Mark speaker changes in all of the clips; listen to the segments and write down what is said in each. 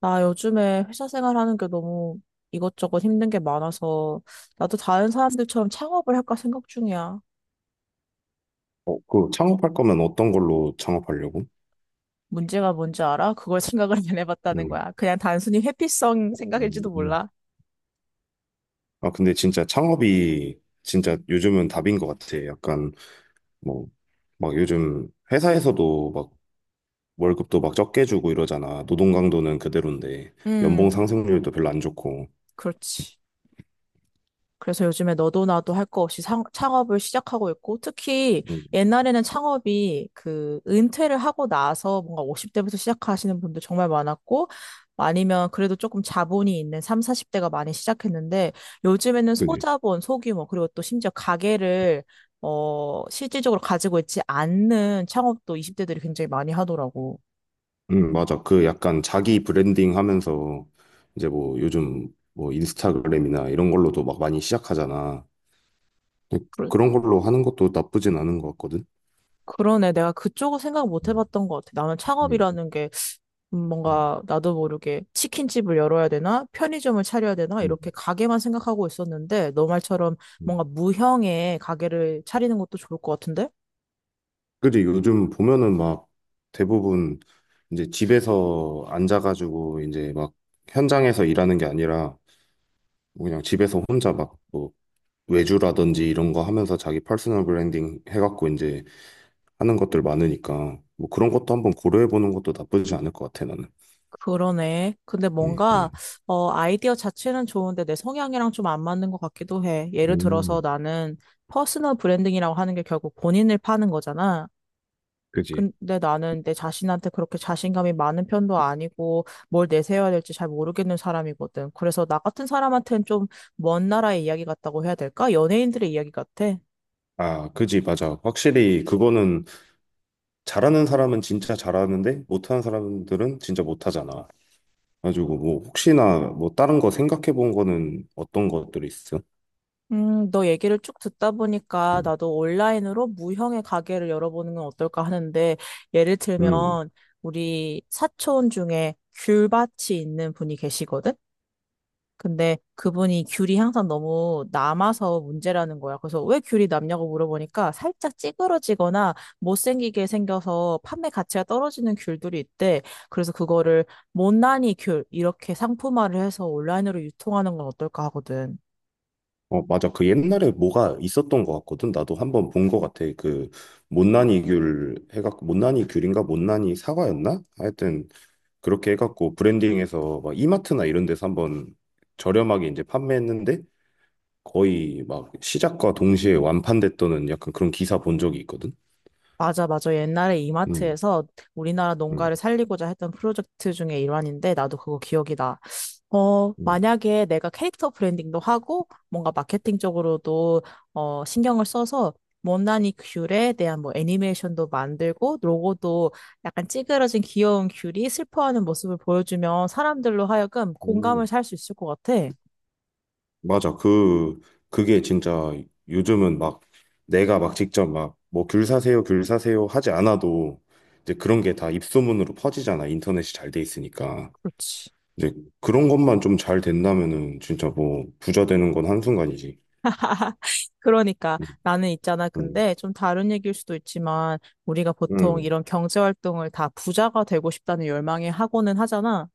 Speaker 1: 나 요즘에 회사 생활하는 게 너무 이것저것 힘든 게 많아서 나도 다른 사람들처럼 창업을 할까 생각 중이야.
Speaker 2: 어, 그 창업할 거면 어떤 걸로 창업하려고?
Speaker 1: 문제가 뭔지 알아? 그걸 생각을 안 해봤다는
Speaker 2: 음.
Speaker 1: 거야. 그냥 단순히 회피성 생각일지도
Speaker 2: 음.
Speaker 1: 몰라.
Speaker 2: 아, 근데 진짜 창업이 진짜 요즘은 답인 것 같아. 약간 뭐, 막 요즘 회사에서도 막 월급도 막 적게 주고 이러잖아. 노동 강도는 그대로인데 연봉
Speaker 1: 음,
Speaker 2: 상승률도 별로 안 좋고.
Speaker 1: 그렇지. 그래서 요즘에 너도 나도 할 거 없이 창업을 시작하고 있고, 특히
Speaker 2: 음,
Speaker 1: 옛날에는 창업이 그 은퇴를 하고 나서 뭔가 50대부터 시작하시는 분도 정말 많았고, 아니면 그래도 조금 자본이 있는 3, 40대가 많이 시작했는데, 요즘에는
Speaker 2: 그지?
Speaker 1: 소자본, 소규모, 그리고 또 심지어 가게를, 어, 실질적으로 가지고 있지 않는 창업도 20대들이 굉장히 많이 하더라고.
Speaker 2: 맞아. 그 약간 자기 브랜딩 하면서 이제 뭐 요즘 뭐 인스타그램이나 이런 걸로도 막 많이 시작하잖아. 근데
Speaker 1: 그러,
Speaker 2: 그런 걸로 하는 것도 나쁘진 않은 것 같거든.
Speaker 1: 그러네. 내가 그쪽을 생각 못
Speaker 2: 음,
Speaker 1: 해봤던 것 같아. 나는
Speaker 2: 음,
Speaker 1: 창업이라는 게
Speaker 2: 음,
Speaker 1: 뭔가 나도 모르게 치킨집을 열어야 되나? 편의점을 차려야 되나?
Speaker 2: 음.
Speaker 1: 이렇게 가게만 생각하고 있었는데, 너 말처럼
Speaker 2: 음.
Speaker 1: 뭔가 무형의 가게를 차리는 것도 좋을 것 같은데?
Speaker 2: 그지 요즘 보면은 막 대부분 이제 집에서 앉아가지고 이제 막 현장에서 일하는 게 아니라 뭐 그냥 집에서 혼자 막 뭐 외주라든지 이런 거 하면서 자기 퍼스널 브랜딩 해갖고 이제 하는 것들 많으니까 뭐 그런 것도 한번 고려해보는 것도 나쁘지 않을 것 같아 나는.
Speaker 1: 그러네. 근데
Speaker 2: 음,
Speaker 1: 뭔가,
Speaker 2: 음,
Speaker 1: 아이디어 자체는 좋은데 내 성향이랑 좀 안 맞는 것 같기도 해. 예를 들어서
Speaker 2: 음,
Speaker 1: 나는 퍼스널 브랜딩이라고 하는 게 결국 본인을 파는 거잖아.
Speaker 2: 그지.
Speaker 1: 근데 나는 내 자신한테 그렇게 자신감이 많은 편도 아니고 뭘 내세워야 될지 잘 모르겠는 사람이거든. 그래서 나 같은 사람한테는 좀 먼 나라의 이야기 같다고 해야 될까? 연예인들의 이야기 같아.
Speaker 2: 아, 그지, 맞아. 확실히 그거는 잘하는 사람은 진짜 잘하는데 못하는 사람들은 진짜 못하잖아. 가지고 뭐 혹시나 뭐 다른 거 생각해 본 거는 어떤 것들이 있어?
Speaker 1: 너 얘기를 쭉 듣다 보니까
Speaker 2: 음.
Speaker 1: 나도 온라인으로 무형의 가게를 열어보는 건 어떨까 하는데 예를
Speaker 2: 음.
Speaker 1: 들면 우리 사촌 중에 귤밭이 있는 분이 계시거든. 근데 그분이 귤이 항상 너무 남아서 문제라는 거야. 그래서 왜 귤이 남냐고 물어보니까 살짝 찌그러지거나 못생기게 생겨서 판매 가치가 떨어지는 귤들이 있대. 그래서 그거를 못난이 귤 이렇게 상품화를 해서 온라인으로 유통하는 건 어떨까 하거든.
Speaker 2: 어, 맞아. 그 옛날에 뭐가 있었던 것 같거든. 나도 한번 본 것 같아. 그 못난이 귤 해갖고 못난이 귤인가 못난이 사과였나? 하여튼 그렇게 해갖고 브랜딩해서 막 이마트나 이런 데서 한번 저렴하게 이제 판매했는데 거의 막 시작과 동시에 완판됐다는 약간 그런 기사 본 적이 있거든.
Speaker 1: 맞아, 맞아. 옛날에
Speaker 2: 음.
Speaker 1: 이마트에서 우리나라
Speaker 2: 음.
Speaker 1: 농가를 살리고자 했던 프로젝트 중에 일환인데 나도 그거 기억이 나.
Speaker 2: 음.
Speaker 1: 만약에 내가 캐릭터 브랜딩도 하고 뭔가 마케팅적으로도 신경을 써서 못난이 귤에 대한 뭐 애니메이션도 만들고 로고도 약간 찌그러진 귀여운 귤이 슬퍼하는 모습을 보여주면 사람들로 하여금 공감을
Speaker 2: 음.
Speaker 1: 살 수 있을 것 같아.
Speaker 2: 맞아. 그게 진짜 요즘은 막 내가 막 직접 막 뭐 귤 사세요, 귤 사세요 하지 않아도 이제 그런 게 다 입소문으로 퍼지잖아. 인터넷이 잘 돼 있으니까.
Speaker 1: 그렇지.
Speaker 2: 이제 그런 것만 좀 잘 된다면은 진짜 뭐 부자 되는 건 한순간이지.
Speaker 1: 그러니까
Speaker 2: 응,
Speaker 1: 나는 있잖아.
Speaker 2: 응,
Speaker 1: 근데 좀 다른 얘기일 수도 있지만 우리가 보통
Speaker 2: 응,
Speaker 1: 이런 경제 활동을 다 부자가 되고 싶다는 열망에 하고는 하잖아.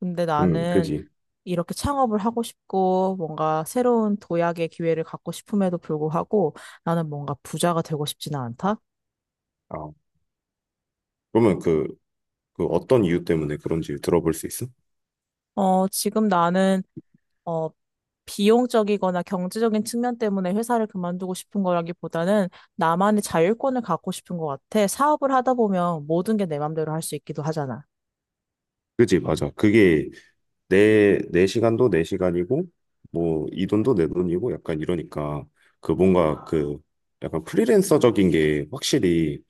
Speaker 1: 근데
Speaker 2: 응,
Speaker 1: 나는
Speaker 2: 그지.
Speaker 1: 이렇게 창업을 하고 싶고 뭔가 새로운 도약의 기회를 갖고 싶음에도 불구하고 나는 뭔가 부자가 되고 싶지는 않다.
Speaker 2: 아, 그러면 그 어떤 이유 때문에 그런지 들어볼 수 있어?
Speaker 1: 지금 나는 어, 비용적이거나 경제적인 측면 때문에 회사를 그만두고 싶은 거라기보다는 나만의 자율권을 갖고 싶은 것 같아. 사업을 하다 보면 모든 게 내 맘대로 할 수 있기도 하잖아.
Speaker 2: 그지, 맞아. 그게 내 시간도 내 시간이고, 뭐, 이 돈도 내 돈이고, 약간 이러니까, 그 뭔가 그, 약간 프리랜서적인 게 확실히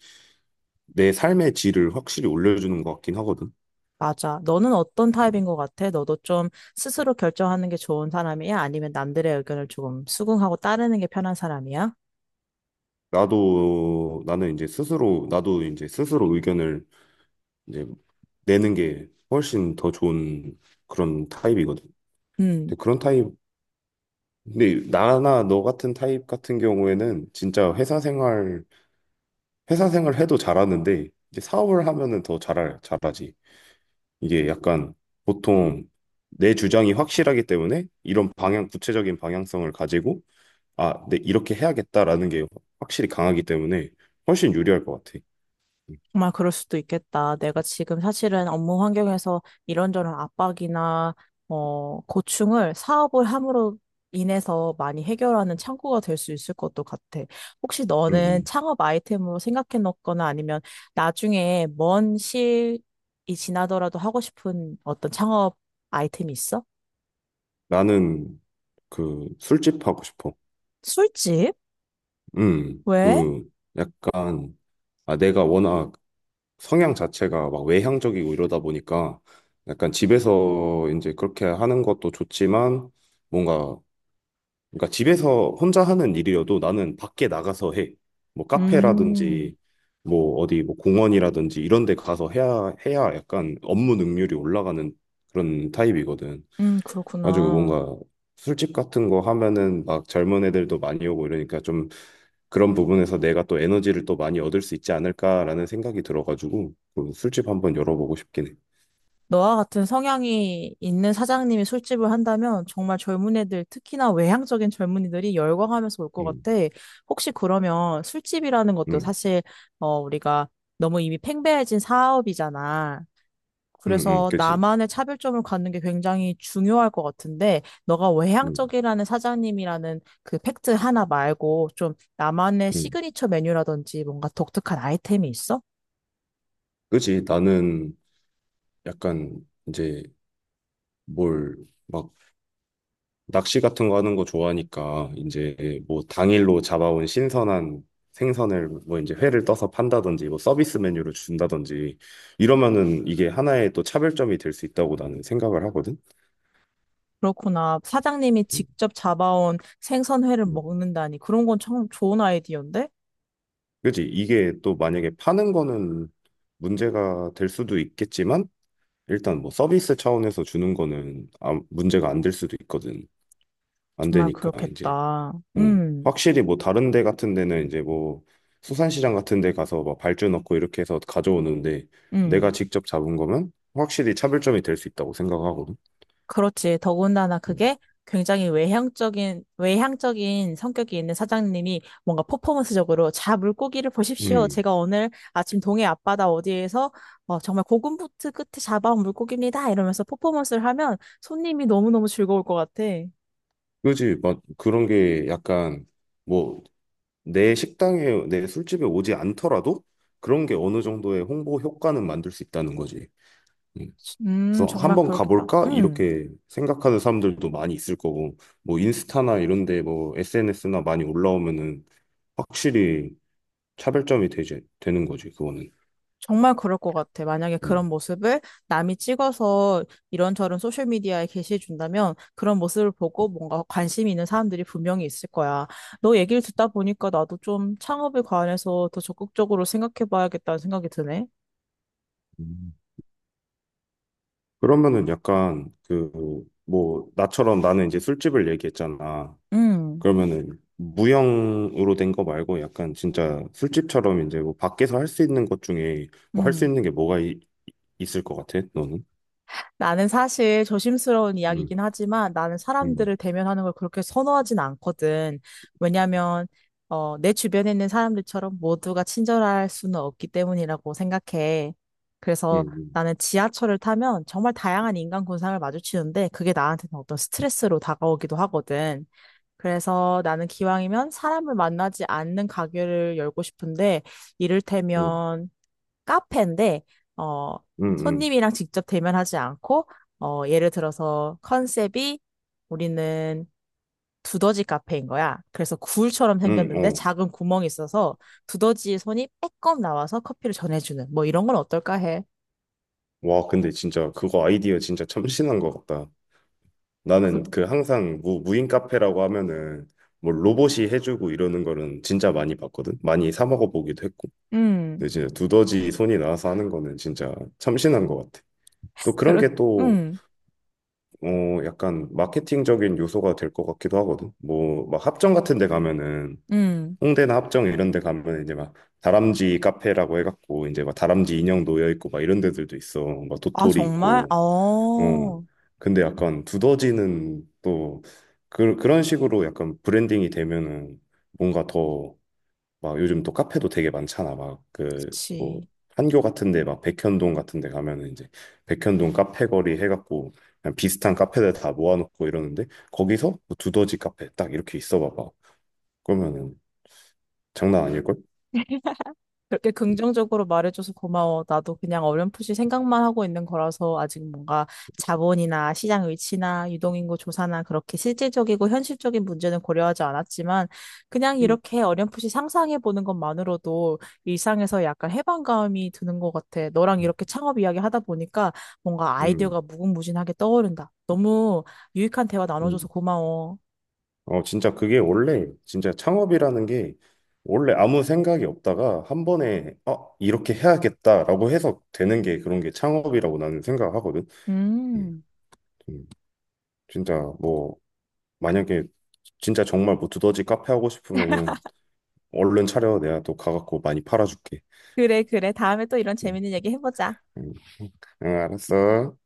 Speaker 2: 내 삶의 질을 확실히 올려주는 것 같긴 하거든.
Speaker 1: 맞아. 너는 어떤 타입인 것 같아? 너도 좀 스스로 결정하는 게 좋은 사람이야? 아니면 남들의 의견을 조금 수긍하고 따르는 게 편한 사람이야?
Speaker 2: 나도 이제 스스로 의견을 이제 내는 게 훨씬 더 좋은 그런 타입이거든. 근데
Speaker 1: 음.
Speaker 2: 그런 타입, 근데 나나 너 같은 타입 같은 경우에는 진짜 회사 생활 해도 잘하는데, 이제 사업을 하면은 더 잘하지. 이게 약간 보통 내 주장이 확실하기 때문에 이런 방향, 구체적인 방향성을 가지고 아, 네, 이렇게 해야겠다라는 게 확실히 강하기 때문에 훨씬 유리할 것 같아.
Speaker 1: 정말 그럴 수도 있겠다. 내가 지금 사실은 업무 환경에서 이런저런 압박이나 고충을 사업을 함으로 인해서 많이 해결하는 창구가 될 수 있을 것도 같아. 혹시
Speaker 2: 음,
Speaker 1: 너는
Speaker 2: 음.
Speaker 1: 창업 아이템으로 생각해 놓거나 아니면 나중에 먼 시일이 지나더라도 하고 싶은 어떤 창업 아이템이 있어?
Speaker 2: 나는 그 술집 하고 싶어.
Speaker 1: 술집? 왜?
Speaker 2: 그 약간 아, 내가 워낙 성향 자체가 막 외향적이고 이러다 보니까 약간 집에서 이제 그렇게 하는 것도 좋지만 뭔가 그러니까 집에서 혼자 하는 일이어도 나는 밖에 나가서 해. 뭐
Speaker 1: 음,
Speaker 2: 카페라든지 뭐 어디 뭐 공원이라든지 이런 데 가서 해야 해야 약간 업무 능률이 올라가는 그런 타입이거든. 가지고
Speaker 1: 그렇구나.
Speaker 2: 뭔가 술집 같은 거 하면은 막 젊은 애들도 많이 오고 이러니까 좀 그런 부분에서 내가 또 에너지를 또 많이 얻을 수 있지 않을까라는 생각이 들어가지고 그 술집 한번 열어보고 싶긴 해.
Speaker 1: 너와 같은 성향이 있는 사장님이 술집을 한다면 정말 젊은 애들, 특히나 외향적인 젊은이들이 열광하면서 올 것
Speaker 2: 음,
Speaker 1: 같아. 혹시 그러면 술집이라는 것도
Speaker 2: 음,
Speaker 1: 사실, 우리가 너무 이미 팽배해진 사업이잖아. 그래서
Speaker 2: 그지.
Speaker 1: 나만의 차별점을 갖는 게 굉장히 중요할 것 같은데, 너가
Speaker 2: 음,
Speaker 1: 외향적이라는 사장님이라는 그 팩트 하나 말고 좀 나만의
Speaker 2: 음,
Speaker 1: 시그니처 메뉴라든지 뭔가 독특한 아이템이 있어?
Speaker 2: 그지. 나는 약간 이제 뭘 막 낚시 같은 거 하는 거 좋아하니까 이제 뭐 당일로 잡아온 신선한 생선을 뭐 이제 회를 떠서 판다든지 뭐 서비스 메뉴로 준다든지 이러면은 이게 하나의 또 차별점이 될 수 있다고 나는 생각을 하거든.
Speaker 1: 그렇구나. 사장님이
Speaker 2: 음,
Speaker 1: 직접 잡아온 생선회를
Speaker 2: 음.
Speaker 1: 먹는다니. 그런 건 참 좋은 아이디어인데?
Speaker 2: 그지? 이게 또 만약에 파는 거는 문제가 될 수도 있겠지만 일단 뭐 서비스 차원에서 주는 거는 아, 문제가 안 될 수도 있거든. 안
Speaker 1: 정말
Speaker 2: 되니까 이제
Speaker 1: 그렇겠다.
Speaker 2: 확실히 뭐 다른 데 같은 데는 이제 뭐 수산시장 같은 데 가서 막 발주 넣고 이렇게 해서 가져오는데 내가
Speaker 1: 음.
Speaker 2: 직접 잡은 거면 확실히 차별점이 될 수 있다고 생각하거든.
Speaker 1: 그렇지. 더군다나
Speaker 2: 음.
Speaker 1: 그게 굉장히 외향적인, 외향적인 성격이 있는 사장님이 뭔가 퍼포먼스적으로 자, 물고기를 보십시오.
Speaker 2: 음.
Speaker 1: 제가 오늘 아침 동해 앞바다 어디에서 정말 고군분투 끝에 잡아온 물고기입니다. 이러면서 퍼포먼스를 하면 손님이 너무너무 즐거울 것 같아.
Speaker 2: 그지? 막 그런 게 약간 뭐 내 식당에 내 술집에 오지 않더라도 그런 게 어느 정도의 홍보 효과는 만들 수 있다는 거지. 음. 그래서
Speaker 1: 정말
Speaker 2: 한번
Speaker 1: 그렇겠다.
Speaker 2: 가볼까?
Speaker 1: 음.
Speaker 2: 이렇게 생각하는 사람들도 많이 있을 거고, 뭐 인스타나 이런 데 뭐 SNS나 많이 올라오면은 확실히 차별점이 되지, 되는 거지, 그거는.
Speaker 1: 정말 그럴 것 같아. 만약에 그런
Speaker 2: 음.
Speaker 1: 모습을 남이 찍어서 이런저런 소셜미디어에 게시해준다면 그런 모습을 보고 뭔가 관심 있는 사람들이 분명히 있을 거야. 너 얘기를 듣다 보니까 나도 좀 창업에 관해서 더 적극적으로 생각해봐야겠다는 생각이 드네.
Speaker 2: 음. 그러면은 약간 그, 뭐, 나처럼 나는 이제 술집을 얘기했잖아.
Speaker 1: 음,
Speaker 2: 그러면은 무형으로 된 거 말고 약간 진짜 술집처럼 이제 뭐 밖에서 할 수 있는 것 중에 뭐 할 수
Speaker 1: 음.
Speaker 2: 있는 게 뭐가 이- 있을 것 같아, 너는?
Speaker 1: 나는 사실 조심스러운
Speaker 2: 음,
Speaker 1: 이야기긴 하지만 나는
Speaker 2: 음,
Speaker 1: 사람들을 대면하는 걸 그렇게 선호하진 않거든. 왜냐면, 내 주변에 있는 사람들처럼 모두가 친절할 수는 없기 때문이라고 생각해.
Speaker 2: 음,
Speaker 1: 그래서
Speaker 2: 음,
Speaker 1: 나는 지하철을 타면 정말 다양한 인간 군상을 마주치는데 그게 나한테는 어떤 스트레스로 다가오기도 하거든. 그래서 나는 기왕이면 사람을 만나지 않는 가게를 열고 싶은데,
Speaker 2: 음,
Speaker 1: 이를테면 카페인데, 어,
Speaker 2: 음,
Speaker 1: 손님이랑 직접 대면하지 않고, 예를 들어서 컨셉이 우리는 두더지 카페인 거야. 그래서 굴처럼 생겼는데
Speaker 2: 어.
Speaker 1: 작은 구멍이 있어서 두더지의 손이 빼꼼 나와서 커피를 전해주는, 뭐 이런 건 어떨까 해.
Speaker 2: 와, 근데 진짜 그거 아이디어 진짜 참신한 것 같다.
Speaker 1: 그,
Speaker 2: 나는 그 항상 무인 카페라고 하면은 뭐 로봇이 해주고 이러는 거는 진짜 많이 봤거든. 많이 사 먹어 보기도 했고.
Speaker 1: 음,
Speaker 2: 근데 진짜 두더지 손이 나와서 하는 거는 진짜 참신한 것 같아. 또 그런
Speaker 1: 그렇,
Speaker 2: 게 또,
Speaker 1: 음,
Speaker 2: 어, 약간 마케팅적인 요소가 될 것 같기도 하거든. 뭐, 막 합정 같은 데 가면은
Speaker 1: 음.
Speaker 2: 홍대나 합정 이런 데 가면 이제 막 다람쥐 카페라고 해갖고 이제 막 다람쥐 인형 놓여 있고 막 이런 데들도 있어. 막
Speaker 1: 아,
Speaker 2: 도토리
Speaker 1: 정말?
Speaker 2: 있고. 어.
Speaker 1: 어,
Speaker 2: 근데 약간 두더지는 또 그런 식으로 약간 브랜딩이 되면은 뭔가 더 막 요즘 또 카페도 되게 많잖아. 막 그 뭐
Speaker 1: 그치.
Speaker 2: 판교 같은 데 막 백현동 같은 데 가면은 이제 백현동 카페 거리 해갖고 그냥 비슷한 카페들 다 모아놓고 이러는데 거기서 뭐 두더지 카페 딱 이렇게 있어 봐봐. 그러면은 장난 아닐걸?
Speaker 1: 그렇게 긍정적으로 말해줘서 고마워. 나도 그냥 어렴풋이 생각만 하고 있는 거라서 아직 뭔가 자본이나 시장 위치나 유동인구 조사나 그렇게 실질적이고 현실적인 문제는 고려하지 않았지만 그냥
Speaker 2: 음,
Speaker 1: 이렇게 어렴풋이 상상해 보는 것만으로도 일상에서 약간 해방감이 드는 것 같아. 너랑 이렇게 창업 이야기 하다 보니까 뭔가
Speaker 2: 음,
Speaker 1: 아이디어가 무궁무진하게 떠오른다. 너무 유익한 대화
Speaker 2: 음.
Speaker 1: 나눠줘서 고마워.
Speaker 2: 어, 진짜 그게 원래, 진짜 창업이라는 게 원래 아무 생각이 없다가 한 번에, 어, 이렇게 해야겠다라고 해서 되는 게 그런 게 창업이라고 나는 생각하거든. 음,
Speaker 1: 음.
Speaker 2: 음, 진짜 뭐, 만약에 진짜 정말 뭐 두더지 카페 하고 싶으면은 얼른 차려. 내가 또 가갖고 많이 팔아줄게.
Speaker 1: 그래, 그래. 다음에 또 이런
Speaker 2: 음,
Speaker 1: 재밌는 얘기 해보자.
Speaker 2: 응, 응, 알았어.